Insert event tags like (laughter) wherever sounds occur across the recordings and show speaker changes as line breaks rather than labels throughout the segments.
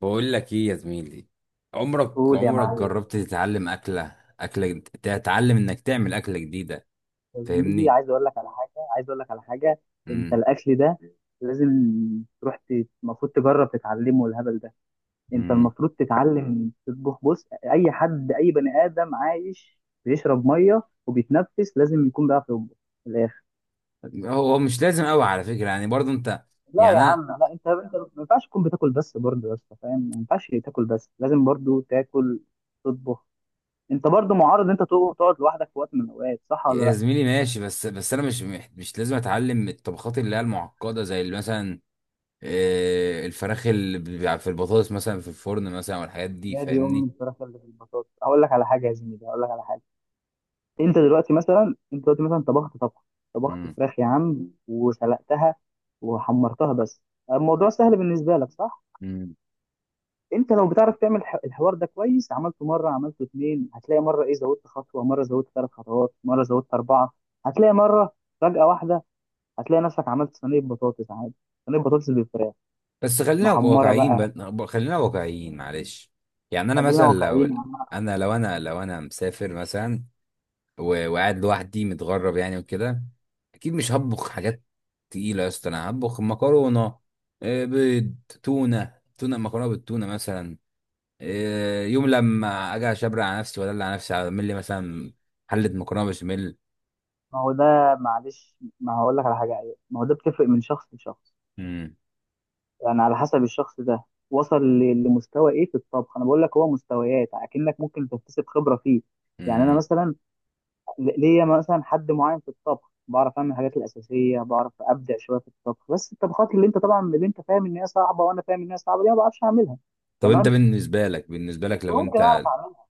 بقول لك ايه يا زميلي؟ عمرك
قول يا
عمرك
معلم.
جربت تتعلم انك تعمل اكله جديده؟
يا زميلي
فاهمني؟
عايز اقول لك على حاجه، انت
امم
الاكل ده لازم المفروض تجرب تتعلمه، الهبل ده. انت
امم
المفروض تتعلم تطبخ. بص، اي حد، اي بني ادم عايش بيشرب ميه وبيتنفس لازم يكون بيعرف يطبخ في الاخر.
هو مش لازم قوي على فكره، يعني برضو انت.
لا يا
يعني انا.
عم، لا، انت ما ينفعش تكون بتاكل بس، برضه يا اسطى فاهم، ما ينفعش تاكل بس، لازم برضه تاكل تطبخ. انت برضه معرض ان انت تقعد لوحدك في وقت من الاوقات، صح ولا
يا
لا؟
زميلي ماشي، بس انا مش مش لازم اتعلم الطبخات اللي هي المعقده، زي اللي مثلا الفراخ اللي بيبقى في البطاطس مثلا، في الفرن مثلا، والحاجات دي.
نادي ام
فاهمني؟
الفراخ اللي في البطاطس، هقول لك على حاجه يا زميلي، هقول لك على حاجه انت دلوقتي مثلا، طبخت فراخ يا عم وسلقتها وحمرتها بس، الموضوع سهل بالنسبه لك صح؟
امم
انت لو بتعرف تعمل الحوار ده كويس، عملته مره، عملته اتنين، هتلاقي مره ايه زودت خطوه، مره زودت ثلاث خطوات، مره زودت اربعه. هتلاقي مره فجاه واحده هتلاقي نفسك عملت صينيه بطاطس عادي، صينيه بطاطس بالفراخ
بس
محمره بقى.
خلينا واقعيين، معلش. يعني انا
خلينا
مثلا، لو
واقعيين.
انا مسافر مثلا، وقاعد لوحدي متغرب يعني، وكده اكيد مش هطبخ حاجات تقيله يا اسطى. انا هطبخ مكرونه، بيض، تونه، مكرونه بالتونه مثلا، يوم لما اجي اشبر على نفسي، ولا على نفسي اعمل لي مثلا حله مكرونه بشاميل.
ما هو ده، معلش ما هقول لك على حاجه. أيوة. ما هو ده بتفرق من شخص لشخص،
مم،
يعني على حسب الشخص ده وصل لمستوى ايه في الطبخ. انا بقول لك هو مستويات، اكنك ممكن تكتسب خبره فيه. يعني انا
مم.
مثلا، ليا مثلا حد معين في الطبخ، بعرف اعمل الحاجات الاساسيه، بعرف ابدع شويه في الطبخ، بس الطبخات اللي انت طبعا، اللي انت فاهم ان هي صعبه وانا فاهم ان هي صعبه، دي ما بعرفش اعملها.
طب انت
تمام،
بالنسبه لك لو
ممكن
انت،
اعرف اعملها.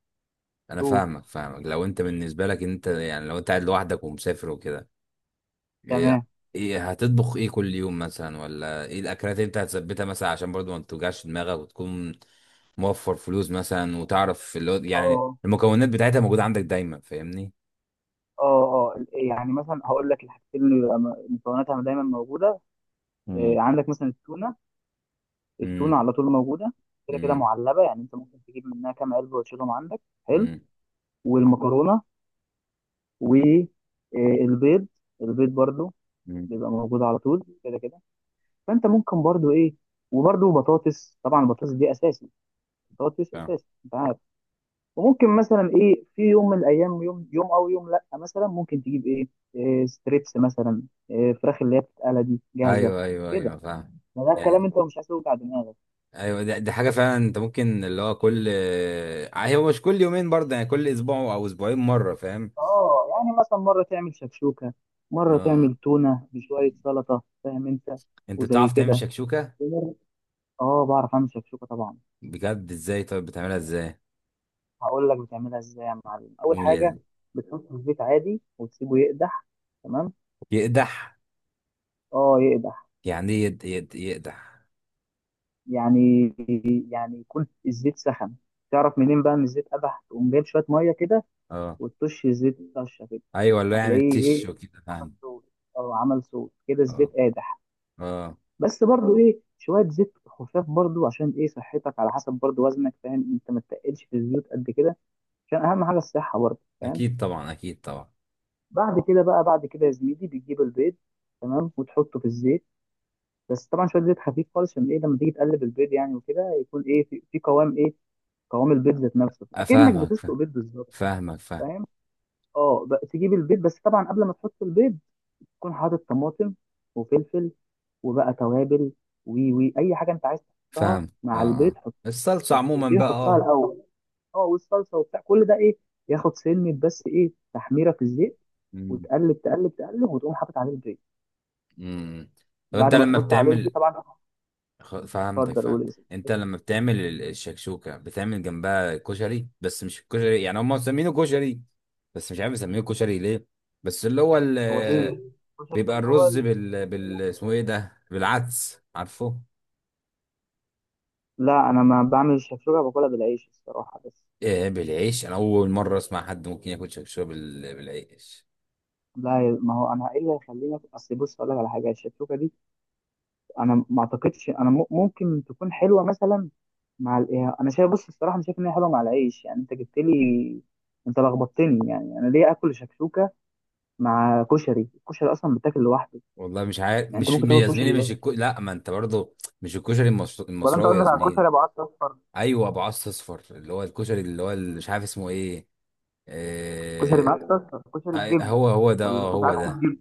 انا
دول
فاهمك لو انت، بالنسبه لك انت يعني، لو انت قاعد لوحدك ومسافر وكده، ايه
تمام.
ايه هتطبخ ايه كل يوم مثلا، ولا ايه الاكلات اللي انت هتثبتها مثلا، عشان برضو ما توجعش دماغك وتكون موفر فلوس مثلا، وتعرف اللي هو يعني
اه،
المكونات بتاعتها موجوده عندك دايما، فاهمني؟
اه، اه. يعني مثلا هقول لك الحاجتين اللي بيبقى مكوناتها دايما موجوده.
مم.
عندك مثلا التونه،
امم،
التونه على طول موجوده، كده كده
امم،
معلبه، يعني انت ممكن تجيب منها كام علبه وتشيلهم عندك. حلو،
امم،
والمكرونه والبيض. البيض برضو
امم.
بيبقى موجود على طول كده كده. فانت ممكن برضو ايه، وبرضو بطاطس طبعا، البطاطس دي اساسي، بطاطس
فاهم.
اساسي انت عارف. وممكن مثلا ايه في يوم من الايام، يوم يوم او يوم لا مثلا، ممكن تجيب ايه، إيه ستريبس مثلا، إيه فراخ اللي هي بتتقلى دي جاهزه
ايوه، ايوه،
كده.
ايوه، فاهم.
ما ده الكلام،
يعني
انت مش عايز توجع دماغك.
ايوه، دي حاجه فعلا انت ممكن، اللي هو كل، هو مش كل يومين برضه، يعني كل اسبوع او اسبوعين مره، فاهم.
اه يعني مثلا مرة تعمل شكشوكة، مرة
اه.
تعمل تونة بشوية سلطة، فاهم انت،
انت
وزي
بتعرف تعمل
كده.
شكشوكة؟
ومرة- اه بعرف اعمل شكشوكة طبعا.
بجد؟ ازاي؟ طيب بتعملها ازاي؟
هقول لك بتعملها ازاي يا معلم. اول
قول يا
حاجة
زلمة.
بتحطه في الزيت عادي وتسيبه يقدح، تمام.
يقدح؟
اه يقدح.
يعني ايه، يقدح؟
يعني يعني يكون الزيت سخن. تعرف منين بقى ان الزيت قدح؟ تقوم جايب شوية مية كده
اه.
وتطش الزيت طشة كده،
ايوه، اللي هو يعني
هتلاقيه
تش
ايه
وكده،
عمل
فاهم.
صوت. اه عمل صوت كده،
اه،
الزيت قادح.
اه.
بس برضو ايه، شويه زيت خفاف برضو، عشان ايه، صحتك، على حسب برضو وزنك فاهم انت، ما تتقلش في الزيوت قد كده، عشان اهم حاجه الصحه برضو فاهم.
اكيد طبعا، اكيد طبعا.
بعد كده بقى، بعد كده يا زميلي بتجيب البيض، تمام، وتحطه في الزيت، بس طبعا شويه زيت خفيف خالص، عشان ايه، لما تيجي تقلب البيض يعني وكده، يكون ايه في، قوام ايه، قوام البيض ذات نفسه، اكنك
افهمك،
بتسلق
فاهم.
بيض بالظبط
فاهمك، فاهم
فاهم. اه بقى تجيب البيض، بس طبعا قبل ما تحط البيض تكون حاطط طماطم وفلفل وبقى توابل وي وي اي حاجه انت عايز تحطها
فاهم، اه،
مع
اه.
البيض، حطها.
الصلصة
بس
عموما
ايه،
بقى،
حطها
اه.
الاول، اه والصلصه وبتاع، كل ده ايه ياخد سنه، بس ايه تحميره في الزيت
امم،
وتقلب تقلب وتقوم حاطط عليه البيض.
امم. طب انت
بعد ما
لما
تحط عليه البيض
بتعمل،
طبعا،
فهمتك،
اتفضل قول
فهمت،
اسم.
انت لما بتعمل الشكشوكه بتعمل جنبها كشري، بس مش الكشري يعني، هم مسمينه كشري، بس مش عارف يسميه كشري ليه، بس اللي هو
هو ايه الكشري ده،
بيبقى
اللي هو
الرز
ال...
بال بال اسمه ايه ده، بالعدس، عارفه؟
لا انا ما بعمل الشكشوكه، باكلها بالعيش الصراحه بس.
ايه، بالعيش؟ انا اول مره اسمع حد ممكن ياكل شكشوكه بالعيش.
لا ما هو انا ايه اللي هيخليني، اصل بص اقول لك على حاجه، الشكشوكه دي انا ما اعتقدش انا ممكن تكون حلوه مثلا مع الايه، انا شايف، بص الصراحه انا شايف ان هي حلوه مع العيش. يعني انت جبت لي، انت لخبطتني، يعني انا ليه اكل شكشوكه مع كشري؟ الكشري اصلا بتاكل لوحده،
والله مش عارف،
يعني انت
مش
ممكن تاكل
يا زميلي،
كشري بس.
مش لا، ما انت برضه، مش الكشري
ولا انت
المصراوي يا
قصدك على
زميلي.
كشري ابو عدس اصفر؟
ايوه، ابو عص اصفر، اللي هو الكشري، اللي هو مش عارف اسمه ايه.
كشري
آه،
بعدس اصفر، كشري بجبه،
هو ده،
ولا
اه،
كنت
هو
عدس
ده.
بجبه.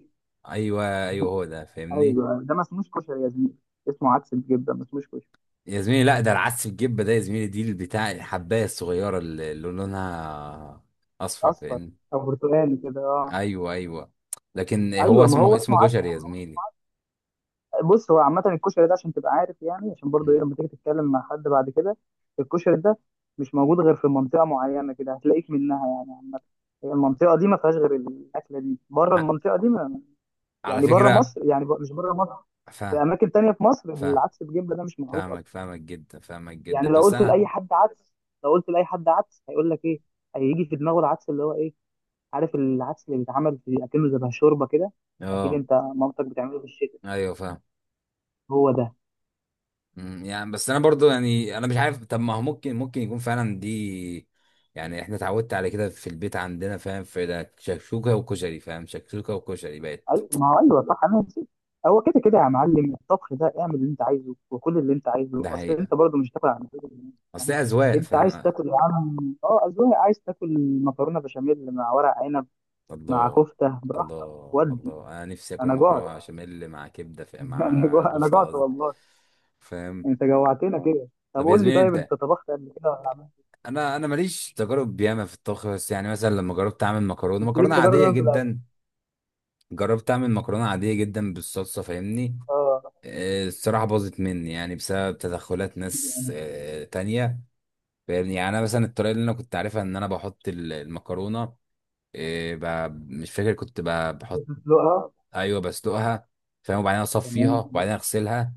ايوه، ايوه، هو ده، فاهمني.
ايوه ده ما اسموش كشري يا زميلي، اسمه عدس بجبه ما اسموش كشري.
يا زميلي لا، ده العدس الجبه ده يا زميلي، دي بتاع الحبايه الصغيره اللي لونها اصفر،
اصفر
فاهمني.
او برتقالي كده اه.
ايوه، ايوه، لكن هو
ايوه ما
اسمه
هو
اسمه
اسمه عدس.
كشري يا زميلي.
بص هو عامة الكشري ده عشان تبقى عارف يعني، عشان برضو
مم.
ايه، لما تيجي تتكلم مع حد بعد كده. الكشري ده مش موجود غير في منطقة معينة كده هتلاقيك منها، يعني عامة، هي المنطقة دي ما فيهاش غير الأكلة دي، بره
ع-
المنطقة دي ما،
على
يعني بره
فكره.
مصر، مش بره مصر، في
فاهم
أماكن تانية في مصر
فاهم
العدس بجبلة ده مش معروف
فاهمك
أصلا.
فاهمك جدا، فاهمك
يعني
جدا،
لو
بس
قلت
انا،
لأي حد عدس، لو قلت لأي حد عدس هيقول لك إيه، هيجي في دماغه العدس اللي هو إيه، عارف العدس اللي بيتعمل في أكنه زي شوربة كده، أكيد
اه،
أنت مامتك بتعمله في الشتاء.
ايوه، فاهم.
هو ده.
مم، يعني بس انا برضو، يعني انا مش عارف، طب ما هو ممكن يكون فعلا دي. يعني احنا اتعودت على كده في البيت عندنا، فاهم، في ده شكشوكه وكشري، فاهم، شكشوكه وكشري
ايوه
بقت.
ما هو ايوه صح، انا نسيت. هو كده كده يا معلم، الطبخ ده اعمل اللي انت عايزه وكل اللي انت عايزه،
ده
اصل
حقيقه.
انت برضه مش هتاكل عن كده.
اصل
فاهم،
هي اذواق،
انت عايز
فاهم.
تاكل يا عم، اه اذواق، عايز تاكل مكرونه بشاميل مع ورق عنب مع
الله،
كفته براحتك
الله،
ودي.
الله، انا نفسي اكل
انا جعت.
مكرونه بشاميل مع كبده، في،
(laughs) انا
مع
جوع، انا
كفته
جعت
قصدي،
والله.
فاهم.
انت جوعتنا كده. طب
طب يا
قول لي،
زميلي
طيب
انت،
انت طبخت قبل كده ولا عملت؟
انا ماليش تجارب ياما في الطبخ، بس يعني مثلا لما جربت اعمل مكرونه
بس ليك
مكرونه
تجارب
عاديه
انا في الاكل.
جدا، جربت اعمل مكرونه عاديه جدا بالصلصه، فاهمني.
اه
الصراحة باظت مني، يعني بسبب تدخلات ناس تانية، فاهمني. يعني أنا مثلا، الطريقة اللي أنا كنت عارفها، إن أنا بحط المكرونة، مش فاكر، كنت بحط،
بتسلقها،
أيوه بسلقها، فاهم، وبعدين أصفيها
تمام.
وبعدين أغسلها،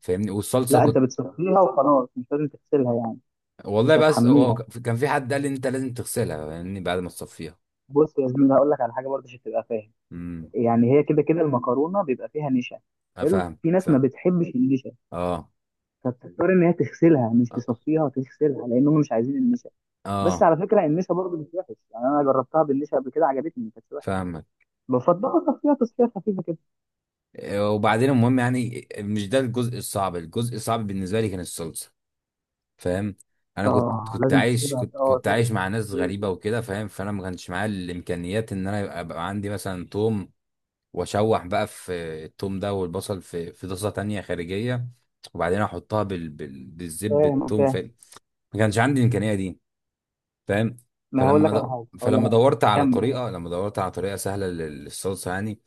فاهمني، والصلصة
لا انت
كنت،
بتسلقيها وخلاص، مش لازم تغسلها يعني،
والله
مش
بس هو
هتحميها.
كان في حد قال لي أنت لازم تغسلها، فاهمني، بعد ما تصفيها.
بص يا زميلي هقول لك على حاجه برضه عشان تبقى فاهم،
امم.
يعني هي كده كده المكرونه بيبقى فيها نشا،
أنا
حلو،
فاهم
في ناس ما
فاهم
بتحبش النشا،
أه،
فبتضطر ان هي تغسلها، مش تصفيها تغسلها، لان هم مش عايزين النشا. بس
أه،
على فكره النشا برضه مش وحش، يعني انا جربتها بالنشا قبل كده عجبتني ما كانتش وحشه.
فاهمك.
بفضل اصفيها تصفيه خفيفه كده.
وبعدين المهم، يعني مش ده الجزء الصعب، الجزء الصعب بالنسبة لي كان الصلصة، فاهم. انا كنت
اه
كنت
لازم
عايش
تسيبها،
كنت
اه
كنت عايش مع ناس
تسيبها.
غريبه وكده، فاهم، فانا ما كانش معايا الامكانيات ان انا يبقى عندي مثلا توم، واشوح بقى في التوم ده، والبصل في طاسه تانية خارجيه، وبعدين احطها بالزب
فاهم
التوم،
فاهم.
فاهم. ما كانش عندي الامكانيه دي، فاهم.
ما هقول
فلما
لك على
د...
حاجه،
فلما دورت على
كمل.
طريقه لما دورت على طريقه سهله للصلصه يعني،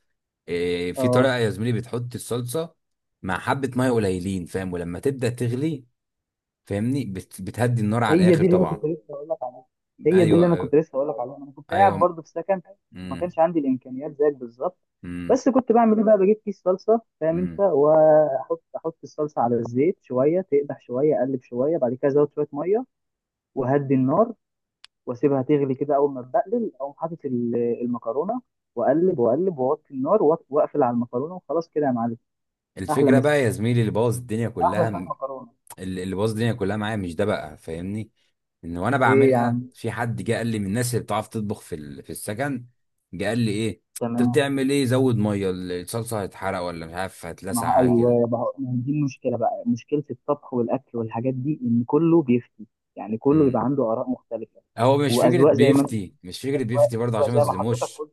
في
اه،
طريقه يا زميلي، بتحط الصلصه مع حبه ميه قليلين، فاهم، ولما تبدا تغلي، فاهمني، بتهدي النار على
هي
الاخر
دي اللي انا
طبعا.
كنت لسه هقول لك، هي دي اللي
ايوه،
انا
ايوه،
كنت لسه هقول لك عليها، انا كنت قاعد
ايوه.
برضه في سكن وما
امم،
كانش عندي الامكانيات زيك بالظبط،
امم،
بس كنت بعمل ايه بقى، بجيب كيس صلصه فاهم انت،
امم.
احط الصلصه على الزيت، شويه تقدح، شويه اقلب، شويه بعد كده ازود شويه ميه وهدي النار واسيبها تغلي كده، اول ما تبقلل اقوم حاطط المكرونه، واقلب واوطي النار واقفل على المكرونه وخلاص كده يا معلم. احلى
الفكره
مسا،
بقى يا زميلي، اللي بوظ الدنيا
احلى
كلها،
شويه مكرونه.
اللي بوظ الدنيا كلها معايا، مش ده بقى، فاهمني؟ ان وانا
ايه يا
بعملها،
عم.
في حد جه قال لي من الناس اللي بتعرف تطبخ في في السكن، جه قال لي ايه، انت
تمام.
بتعمل ايه، زود ميه، الصلصه هتحرق، ولا مش عارف
ما
هتلسع،
هو-
حاجه كده.
ايوه، ما هي دي المشكله بقى، مشكله الطبخ والاكل والحاجات دي، ان كله بيفتي، يعني كله
امم.
بيبقى عنده اراء مختلفه
هو
واذواق زي ما انت،
مش فكره بيفتي برضه
أذواق
عشان ما
زي ما حضرتك
اظلموش،
قلت.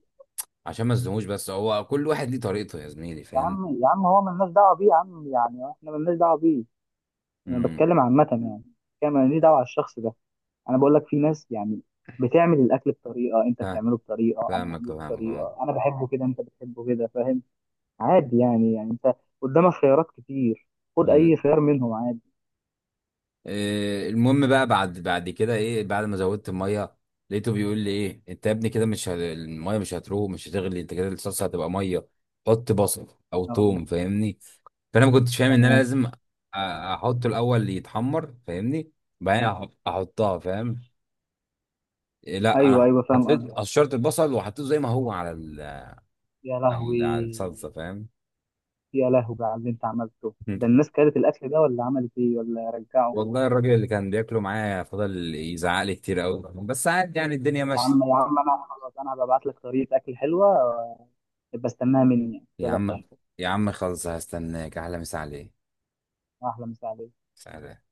بس هو كل واحد ليه طريقته يا زميلي،
يا
فاهم.
عم، يا عم هو ملناش دعوه بيه يا عم، يعني احنا ملناش دعوه بيه، انا
امم.
بتكلم عامه يعني، كان ماليش دعوه على الشخص ده. انا بقول لك في ناس يعني بتعمل الاكل بطريقه، انت
فاهم-
بتعمله بطريقه، انا
فاهمك
بعمله
فاهمك اه.
بطريقه، انا بحبه كده، انت بتحبه كده، فاهم. عادي يعني، يعني انت قدامك خيارات كتير، خد اي
امم.
خيار منهم عادي.
المهم بقى، بعد كده ايه بعد ما زودت الميه، لقيته بيقول لي ايه، انت يا ابني كده مش الميه مش هتروح مش هتغلي، انت كده الصلصه هتبقى ميه، حط بصل او
آه،
توم، فاهمني. فانا ما كنتش فاهم ان انا
تمام.
لازم احطه الاول يتحمر، فاهمني، بعدين احطها، فاهم. لا
ايوه
انا
ايوه فاهم
حطيت،
قصدك.
قشرت البصل وحطيته زي ما هو
يا لهوي.
على الصلصه، فاهم.
يا لهوي بقى على اللي انت عملته ده،
(laughs)
الناس كلت الاكل ده ولا عملت ايه، ولا رجعه؟
والله الراجل اللي كان بياكله معايا فضل يزعق لي كتير قوي، بس عادي يعني، الدنيا
يا
ماشيه.
عم، يا عم انا خلاص انا ببعت لك طريقه اكل حلوه، يبقى استناها مني يعني، ما
يا عم
تقلقش.
يا عم خلص، هستناك، احلى مسا عليك.
احلى مساعده.
سلام.